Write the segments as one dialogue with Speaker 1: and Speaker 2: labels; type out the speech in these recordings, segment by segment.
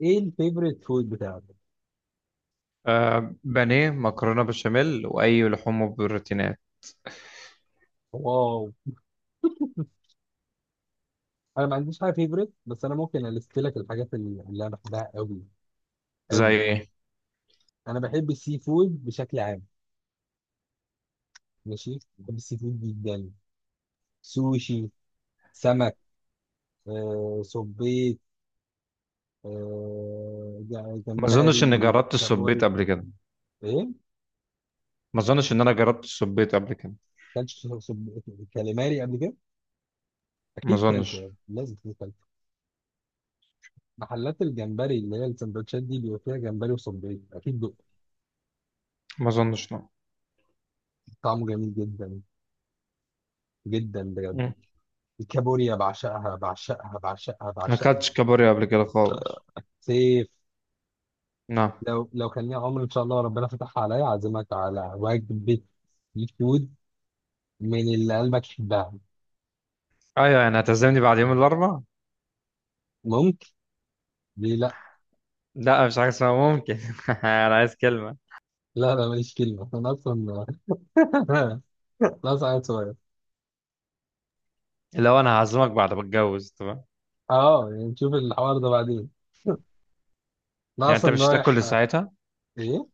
Speaker 1: ايه الفيفوريت فود بتاعك؟
Speaker 2: بانيه مكرونه بشاميل واي لحوم وبروتينات.
Speaker 1: واو. انا ما عنديش حاجه فيفوريت، بس انا ممكن الست لك الحاجات اللي انا بحبها قوي.
Speaker 2: زي
Speaker 1: قوي.
Speaker 2: ايه؟
Speaker 1: انا بحب السي فود بشكل عام. ماشي، بحب السي فود جدا. سوشي، سمك، صبيط،
Speaker 2: ما
Speaker 1: جمبري،
Speaker 2: اظنش اني جربت السبيط
Speaker 1: كابوري.
Speaker 2: قبل كده.
Speaker 1: ايه؟
Speaker 2: ما اظنش ان انا جربت السبيط قبل كده.
Speaker 1: كلتش صب- كاليماري قبل كده
Speaker 2: ما
Speaker 1: اكيد كلته،
Speaker 2: اظنش.
Speaker 1: يعني لازم تكون كلته. محلات الجمبري اللي هي السندوتشات دي بيبقى فيها جمبري وصبيط اكيد دقت.
Speaker 2: ما اظنش لا.
Speaker 1: طعمه جميل جدا، جدا بجد.
Speaker 2: مم.
Speaker 1: الكابوريا بعشقها بعشقها بعشقها
Speaker 2: ما
Speaker 1: بعشقها.
Speaker 2: اكلتش كابوريا قبل كده خالص.
Speaker 1: سيف.
Speaker 2: نعم؟
Speaker 1: لو كان لي عمر ان شاء الله ربنا فتحها عليا اعزمك على وجبه سي فود من اللي قلبك يحبها.
Speaker 2: ايوه، يعني هتعزمني بعد يوم الاربع؟
Speaker 1: ممكن. ليه لا؟
Speaker 2: لا، مش حاجه اسمها ممكن. انا عايز كلمه.
Speaker 1: لا لا ماليش كلمه انا اصلا. انا اصلا قاعد صغير.
Speaker 2: لو انا هعزمك بعد ما اتجوز طبعا.
Speaker 1: اه يعني نشوف الحوار ده بعدين. انا
Speaker 2: يعني انت
Speaker 1: اصلا
Speaker 2: مش هتاكل
Speaker 1: رايح.
Speaker 2: ساعتها؟
Speaker 1: ايه؟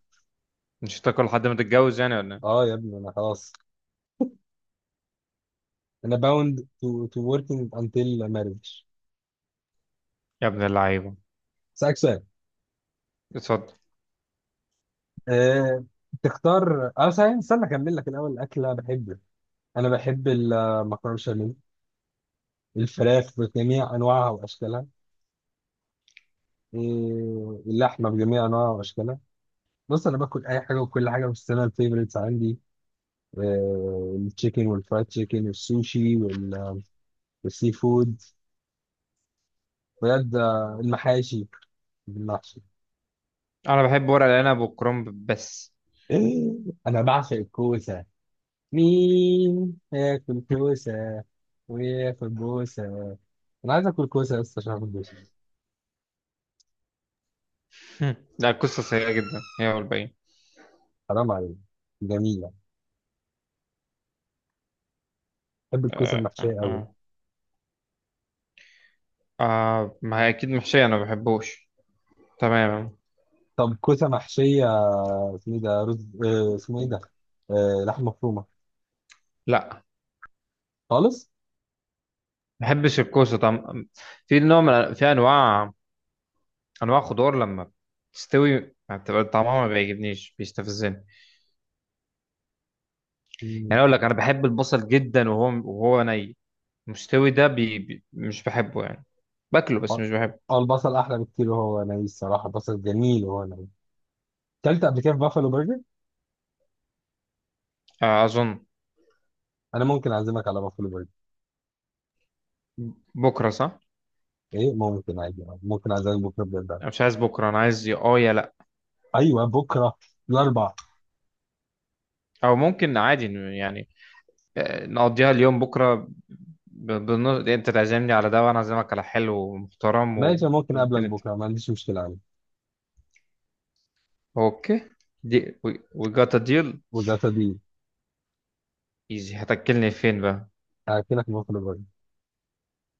Speaker 2: مش هتاكل لحد ما تتجوز يعني ولا إيه؟
Speaker 1: اه يا ابني انا خلاص. انا باوند تو وركينج انتل ماريج.
Speaker 2: يا ابن اللعيبه.
Speaker 1: اسالك سؤال.
Speaker 2: اتفضل.
Speaker 1: آه، تختار، اه صحيح، استنى اكمل لك الاول الاكل اللي انا بحبه. انا بحب المكرونه بشاميل، الفراخ بجميع انواعها واشكالها، اللحمه بجميع انواعها واشكالها. بص، انا باكل اي حاجه وكل حاجه، بس انا الفيفوريتس عندي التشيكن والفرايد تشيكن والسوشي والسي فود. بجد المحاشي، المحشي.
Speaker 2: انا بحب ورق العنب والكرنب بس.
Speaker 1: انا بعشق الكوسه. مين هياكل كوسه وياكل بوسه؟ انا عايز اكل كوسه بس عشان اكل بوسه.
Speaker 2: مم. لا، القصة سيئة جدا، هي والباقيين.
Speaker 1: حرام عليك. جميله. بحب الكوسه
Speaker 2: آه آه
Speaker 1: المحشيه قوي.
Speaker 2: آه. آه، ما هي أكيد محشية، أنا ما بحبوش تماما.
Speaker 1: طب كوسه محشيه اسمه ايه ده، رز، اسمه ايه ده، لحمه مفرومه،
Speaker 2: لا،
Speaker 1: خالص.
Speaker 2: ما بحبش الكوسة طعم. في نوع من في أنواع أنواع خضار لما تستوي ما بتبقى طعمها ما بيعجبنيش، بيستفزني.
Speaker 1: مم.
Speaker 2: يعني أقول لك، أنا بحب البصل جدا، وهو ني مستوي ده مش بحبه يعني. باكله بس
Speaker 1: اه.
Speaker 2: مش بحبه.
Speaker 1: البصل احلى بكتير وهو ني، الصراحه البصل جميل وهو ني. اكلت قبل كده في بافلو برجر.
Speaker 2: آه أظن.
Speaker 1: انا ممكن اعزمك على بافلو برجر.
Speaker 2: بكرة صح؟
Speaker 1: ايه ممكن عادي، ممكن اعزمك بكره بجد.
Speaker 2: أنا مش عايز بكرة، أنا عايز يا آه يا لأ.
Speaker 1: ايوه بكره، الاربع.
Speaker 2: أو ممكن عادي يعني، نقضيها اليوم بكرة. بالنص، انت تعزمني على ده وانا اعزمك على حلو ومحترم و...
Speaker 1: ماشي، ممكن اقابلك
Speaker 2: والدنيا ت-
Speaker 1: بكره، ما عنديش مشكله عادي.
Speaker 2: اوكي، دي وي جات ديل.
Speaker 1: وجاتا دي.
Speaker 2: ايزي، هتاكلني فين بقى؟
Speaker 1: هاكلك بافلو برجر.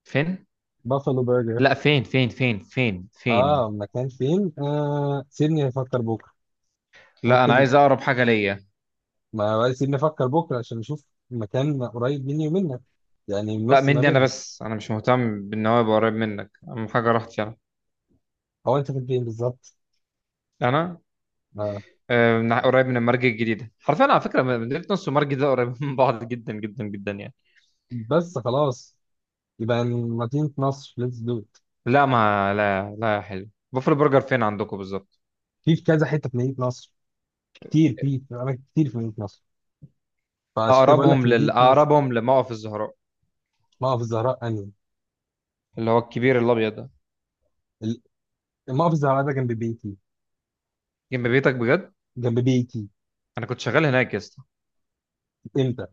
Speaker 2: فين؟
Speaker 1: بافلو برجر.
Speaker 2: لا، فين فين فين فين فين.
Speaker 1: اه مكان فين، سيبني افكر بكره.
Speaker 2: لا، انا
Speaker 1: ممكن،
Speaker 2: عايز اقرب حاجه ليا.
Speaker 1: ما بس نفكر بكره عشان نشوف مكان قريب مني ومنك، يعني من
Speaker 2: لا،
Speaker 1: النص ما
Speaker 2: مني انا
Speaker 1: بيننا.
Speaker 2: بس، انا مش مهتم بان هو يبقى قريب منك، اهم حاجه راحتي انا.
Speaker 1: هو انت كنت فين بالظبط؟
Speaker 2: انا،
Speaker 1: آه.
Speaker 2: قريب من المرج الجديده، حرفيا على فكره مدينه نص والمرج ده قريب من بعض جدا جدا جدا يعني.
Speaker 1: بس خلاص، يبقى مدينه نصر، ليتس دو ات.
Speaker 2: لا ما لا لا يا حلو، بوفلو برجر فين عندكم بالظبط؟
Speaker 1: في كذا حته في مدينه نصر، كتير في اماكن كتير في مدينه نصر، فعشان كده بقول لك مدينه نصر.
Speaker 2: اقربهم لموقف الزهراء،
Speaker 1: موقف الزهراء انهي؟
Speaker 2: اللي هو الكبير الابيض ده.
Speaker 1: ال- موقف الزهراء ده جنب بيتي.
Speaker 2: جنب بيتك بجد؟
Speaker 1: جنب بيتي.
Speaker 2: انا كنت شغال هناك يا اسطى.
Speaker 1: امتى؟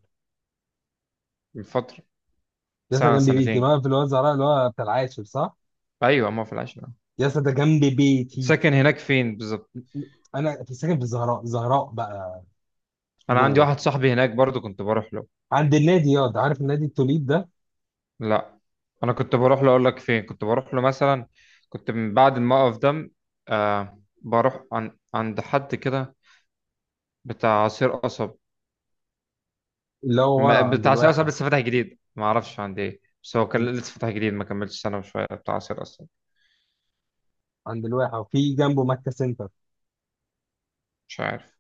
Speaker 2: من فتره،
Speaker 1: ياسا
Speaker 2: سنه
Speaker 1: جنب بيتي
Speaker 2: سنتين كده.
Speaker 1: موقف اللي هو الزهراء اللي هو بتاع العاشر صح.
Speaker 2: ايوه، ما في العشرة.
Speaker 1: ياسا ده جنب
Speaker 2: كنت
Speaker 1: بيتي.
Speaker 2: ساكن هناك فين بالظبط؟
Speaker 1: انا في ساكن في الزهراء، زهراء بقى،
Speaker 2: انا عندي
Speaker 1: جوه.
Speaker 2: واحد صاحبي هناك برضو كنت بروح له.
Speaker 1: عند النادي ياض، عارف النادي التوليب ده؟
Speaker 2: لا، انا كنت بروح له، اقول لك فين كنت بروح له مثلا. كنت من بعد الموقف ده، بروح عند حد كده، بتاع عصير قصب.
Speaker 1: اللي هو
Speaker 2: ما...
Speaker 1: ورا عند
Speaker 2: بتاع عصير قصب
Speaker 1: الواحة،
Speaker 2: لسه فاتح جديد، ما اعرفش عند ايه، بس هو كان
Speaker 1: ال-
Speaker 2: لسه فاتح جديد ما كملش سنه وشويه، بتاع عصير قصب.
Speaker 1: عند الواحة وفي جنبه مكة سنتر.
Speaker 2: مش عارف.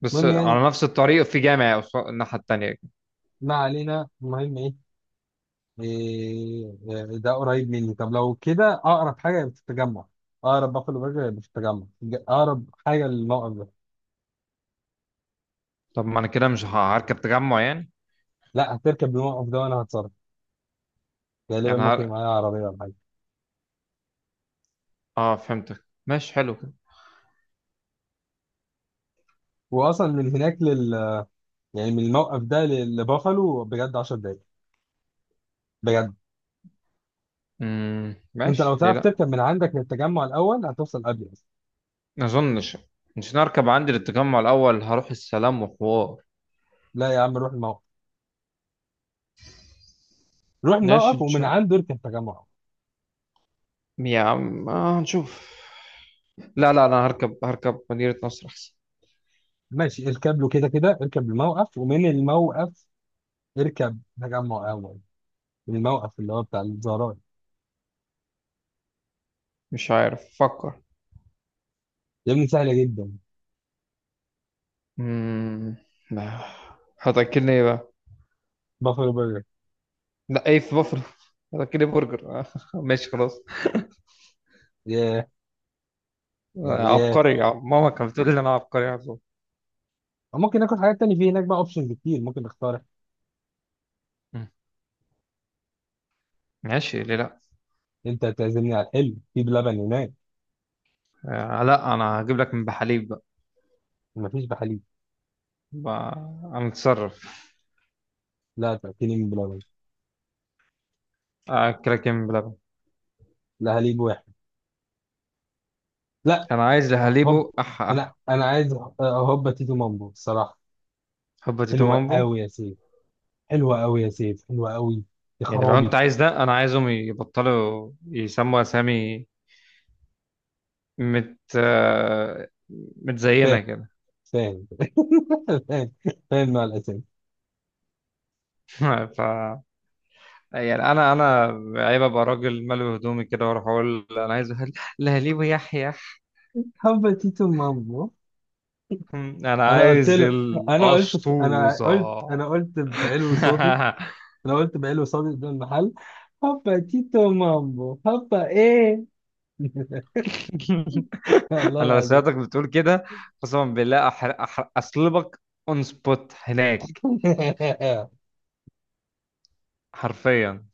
Speaker 2: بس
Speaker 1: المهم يعني،
Speaker 2: على نفس الطريق في جامع الناحيه التانيه.
Speaker 1: ما علينا، المهم ايه. إيه إيه، ده قريب مني، طب لو كده اقرب حاجه يبقى في التجمع. اقرب بافلو برجر يبقى في التجمع، اقرب حاجه للموقف ده.
Speaker 2: طب ما انا كده مش ه- هركب تجمع يعني.
Speaker 1: لا، هتركب الموقف ده وانا هتصرف، غالبا
Speaker 2: يعني
Speaker 1: ممكن
Speaker 2: هر...
Speaker 1: يبقى معايا عربيه ولا حاجه.
Speaker 2: اه فهمتك، ماشي حلو كده.
Speaker 1: واصلا من هناك لل يعني من الموقف ده لبافلو بجد 10 دقايق بجد.
Speaker 2: امم،
Speaker 1: انت
Speaker 2: ماشي
Speaker 1: لو
Speaker 2: ليه
Speaker 1: تعرف
Speaker 2: لا.
Speaker 1: تركب من عندك للتجمع الاول هتوصل قبل.
Speaker 2: ما اظنش. مش نركب عندي للتجمع الاول، هروح السلام وحوار.
Speaker 1: لا يا عم، روح الموقف، روح
Speaker 2: ماشي
Speaker 1: الموقف ومن
Speaker 2: نشوف.
Speaker 1: عنده اركب تجمع.
Speaker 2: يا عم آه نشوف. لا، لا، انا هركب مدينة نصر احسن.
Speaker 1: ماشي، اركب له كده كده، اركب الموقف ومن الموقف اركب تجمع اول، الموقف اللي هو بتاع الزهراء.
Speaker 2: مش عارف، فكر.
Speaker 1: يا ابني سهله جدا.
Speaker 2: امم. لا. هتاكلني ايه بقى؟
Speaker 1: بافلو برجر.
Speaker 2: لا، ايه في بافلو؟ هتاكلني برجر. ماشي خلاص.
Speaker 1: ياه. ياه،
Speaker 2: عبقري، ماما كانت بتقول لي إن انا عبقري على طول.
Speaker 1: ممكن ناكل حاجات تانية في هناك بقى، اوبشنز كتير ممكن نختار.
Speaker 2: مم. ماشي ليه لا.
Speaker 1: انت تعزمني على الحلو في بلبن هناك.
Speaker 2: آه لا، انا هجيب لك من بحليب بقى.
Speaker 1: مفيش بحليب.
Speaker 2: بقى- انا متصرف.
Speaker 1: لا تاكلني من بلبن.
Speaker 2: اكلك يمين بلبن.
Speaker 1: لا حليب واحد. لا.
Speaker 2: انا عايز
Speaker 1: هوب.
Speaker 2: لهاليبو اح
Speaker 1: انا
Speaker 2: اح.
Speaker 1: انا عايز هوبا تيتو مامبو الصراحه.
Speaker 2: حبة تيتو
Speaker 1: حلوه
Speaker 2: مامبو.
Speaker 1: قوي يا سيف، حلوه قوي يا سيف، حلوه قوي. يا
Speaker 2: يعني لو
Speaker 1: خرابي.
Speaker 2: انت عايز ده، انا عايزهم يبطلوا يسموا اسامي مت آه،
Speaker 1: فاهم،
Speaker 2: متزينة كده.
Speaker 1: فاهم. الحين الحين مع الاسم.
Speaker 2: ف يعني انا عيب ابقى راجل ملوي هدومي كده واروح اقول انا عايز لهاليبو يحيح.
Speaker 1: حبتي ام امه.
Speaker 2: انا
Speaker 1: انا قلت
Speaker 2: عايز
Speaker 1: له، انا قلت
Speaker 2: القشطوزة.
Speaker 1: انا قلت بعلو صوتي. انا قلت بعلو صوتي قدام المحل. حبتي ام امه، حبه ايه. الله
Speaker 2: انا لو
Speaker 1: العظيم.
Speaker 2: سمعتك بتقول كده، قسما بالله اصلبك اون سبوت هناك، حرفيا.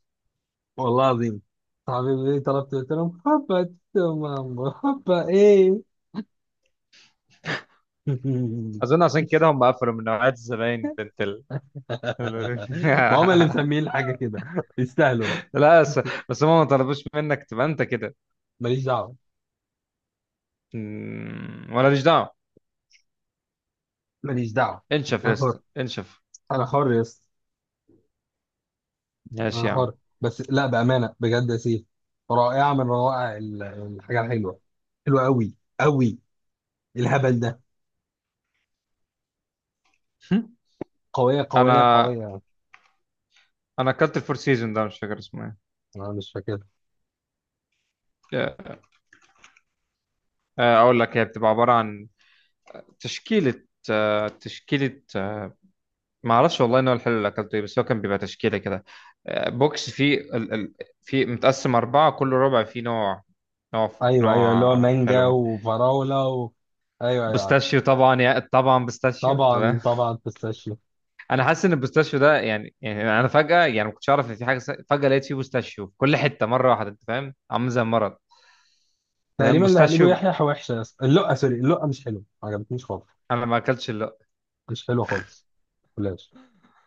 Speaker 1: والله العظيم. صاحبي بيقول لي طلبت، قلت لهم حبتي ام امه، حبه ايه.
Speaker 2: اظن عشان كده هم قفلوا من نوعية الزباين بنت
Speaker 1: ما هم اللي مسميين الحاجه كده، يستاهلوا بقى.
Speaker 2: لا بس، بس هم ما طلبوش منك تبقى انت كده.
Speaker 1: ماليش دعوه،
Speaker 2: أمم، ولا ليش دعوه.
Speaker 1: ماليش دعوه.
Speaker 2: انشف يا
Speaker 1: انا حر،
Speaker 2: اسطى انشف.
Speaker 1: انا حر يا اسطى،
Speaker 2: ماشي
Speaker 1: انا
Speaker 2: يا
Speaker 1: حر.
Speaker 2: عم.
Speaker 1: بس لا، بامانه بجد يا سيف، رائعه من روائع الحاجه الحلوه، حلوه قوي، قوي. الهبل ده. قويه قويه
Speaker 2: انا
Speaker 1: قويه.
Speaker 2: انا اكلت الفور سيزون ده مش فاكر اسمه
Speaker 1: انا مش فاكر.
Speaker 2: ايه. اقول لك، هي بتبقى عباره عن تشكيله. تشكيله. ما اعرفش والله ان هو الحلو اللي اكلته ايه، بس هو كان بيبقى تشكيله كده. بوكس فيه فيه متقسم اربعه، كل ربع فيه نوع نوع
Speaker 1: ايوه ايوه، اللي هو
Speaker 2: نوع
Speaker 1: مانجا
Speaker 2: حلو.
Speaker 1: وفراوله و... ايوه ايوه عارف.
Speaker 2: بوستاشيو طبعا، يا طبعا بوستاشيو
Speaker 1: طبعا
Speaker 2: تمام.
Speaker 1: طبعا بيستاشيو.
Speaker 2: انا حاسس ان البوستاشيو ده يعني انا فجاه، يعني ما كنتش اعرف ان في حاجه فجاه لقيت فيه بوستاشيو في كل حته مره واحده، انت فاهم؟ عامل زي المرض. فاهم؟
Speaker 1: تقريبا اللي هجيبه
Speaker 2: بوستاشيو.
Speaker 1: يحيى وحشه يا اسطى، اللقه سوري، اللقه مش حلوه، ما عجبتنيش خالص.
Speaker 2: انا ما اكلتش الا
Speaker 1: مش حلوه خالص، بلاش،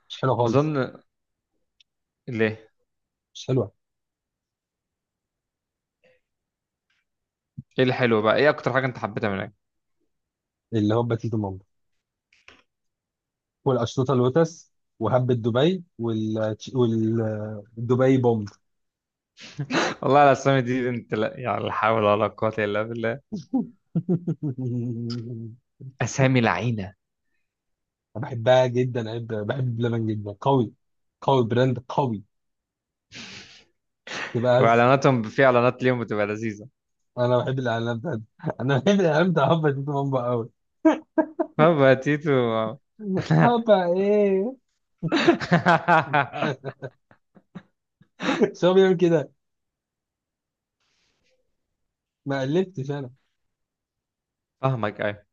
Speaker 1: مش حلوه خالص،
Speaker 2: اظن. ليه؟
Speaker 1: مش حلوه.
Speaker 2: ايه الحلو بقى، ايه اكتر حاجه انت حبيتها من هناك؟
Speaker 1: اللي هو باتيتو مامبا والاشطوطه اللوتس وهبة دبي والدبي بوم.
Speaker 2: والله الاسامي دي انت، لا يعني لا حول ولا قوه الا بالله، اسامي لعينه.
Speaker 1: بحبها جدا عيب، بحب اللبن جدا قوي، قوي، براند قوي، تبقى بس.
Speaker 2: واعلاناتهم، في اعلانات ليهم بتبقى لذيذه.
Speaker 1: انا بحب الاعلانات بتاعت، انا بحب الاعلان بتاع هبه شيتو بامبا قوي.
Speaker 2: هبا تيتو.
Speaker 1: هبه ايه؟ بس هو بيعمل كده، ما قلبتش.
Speaker 2: فاهمك ايوه.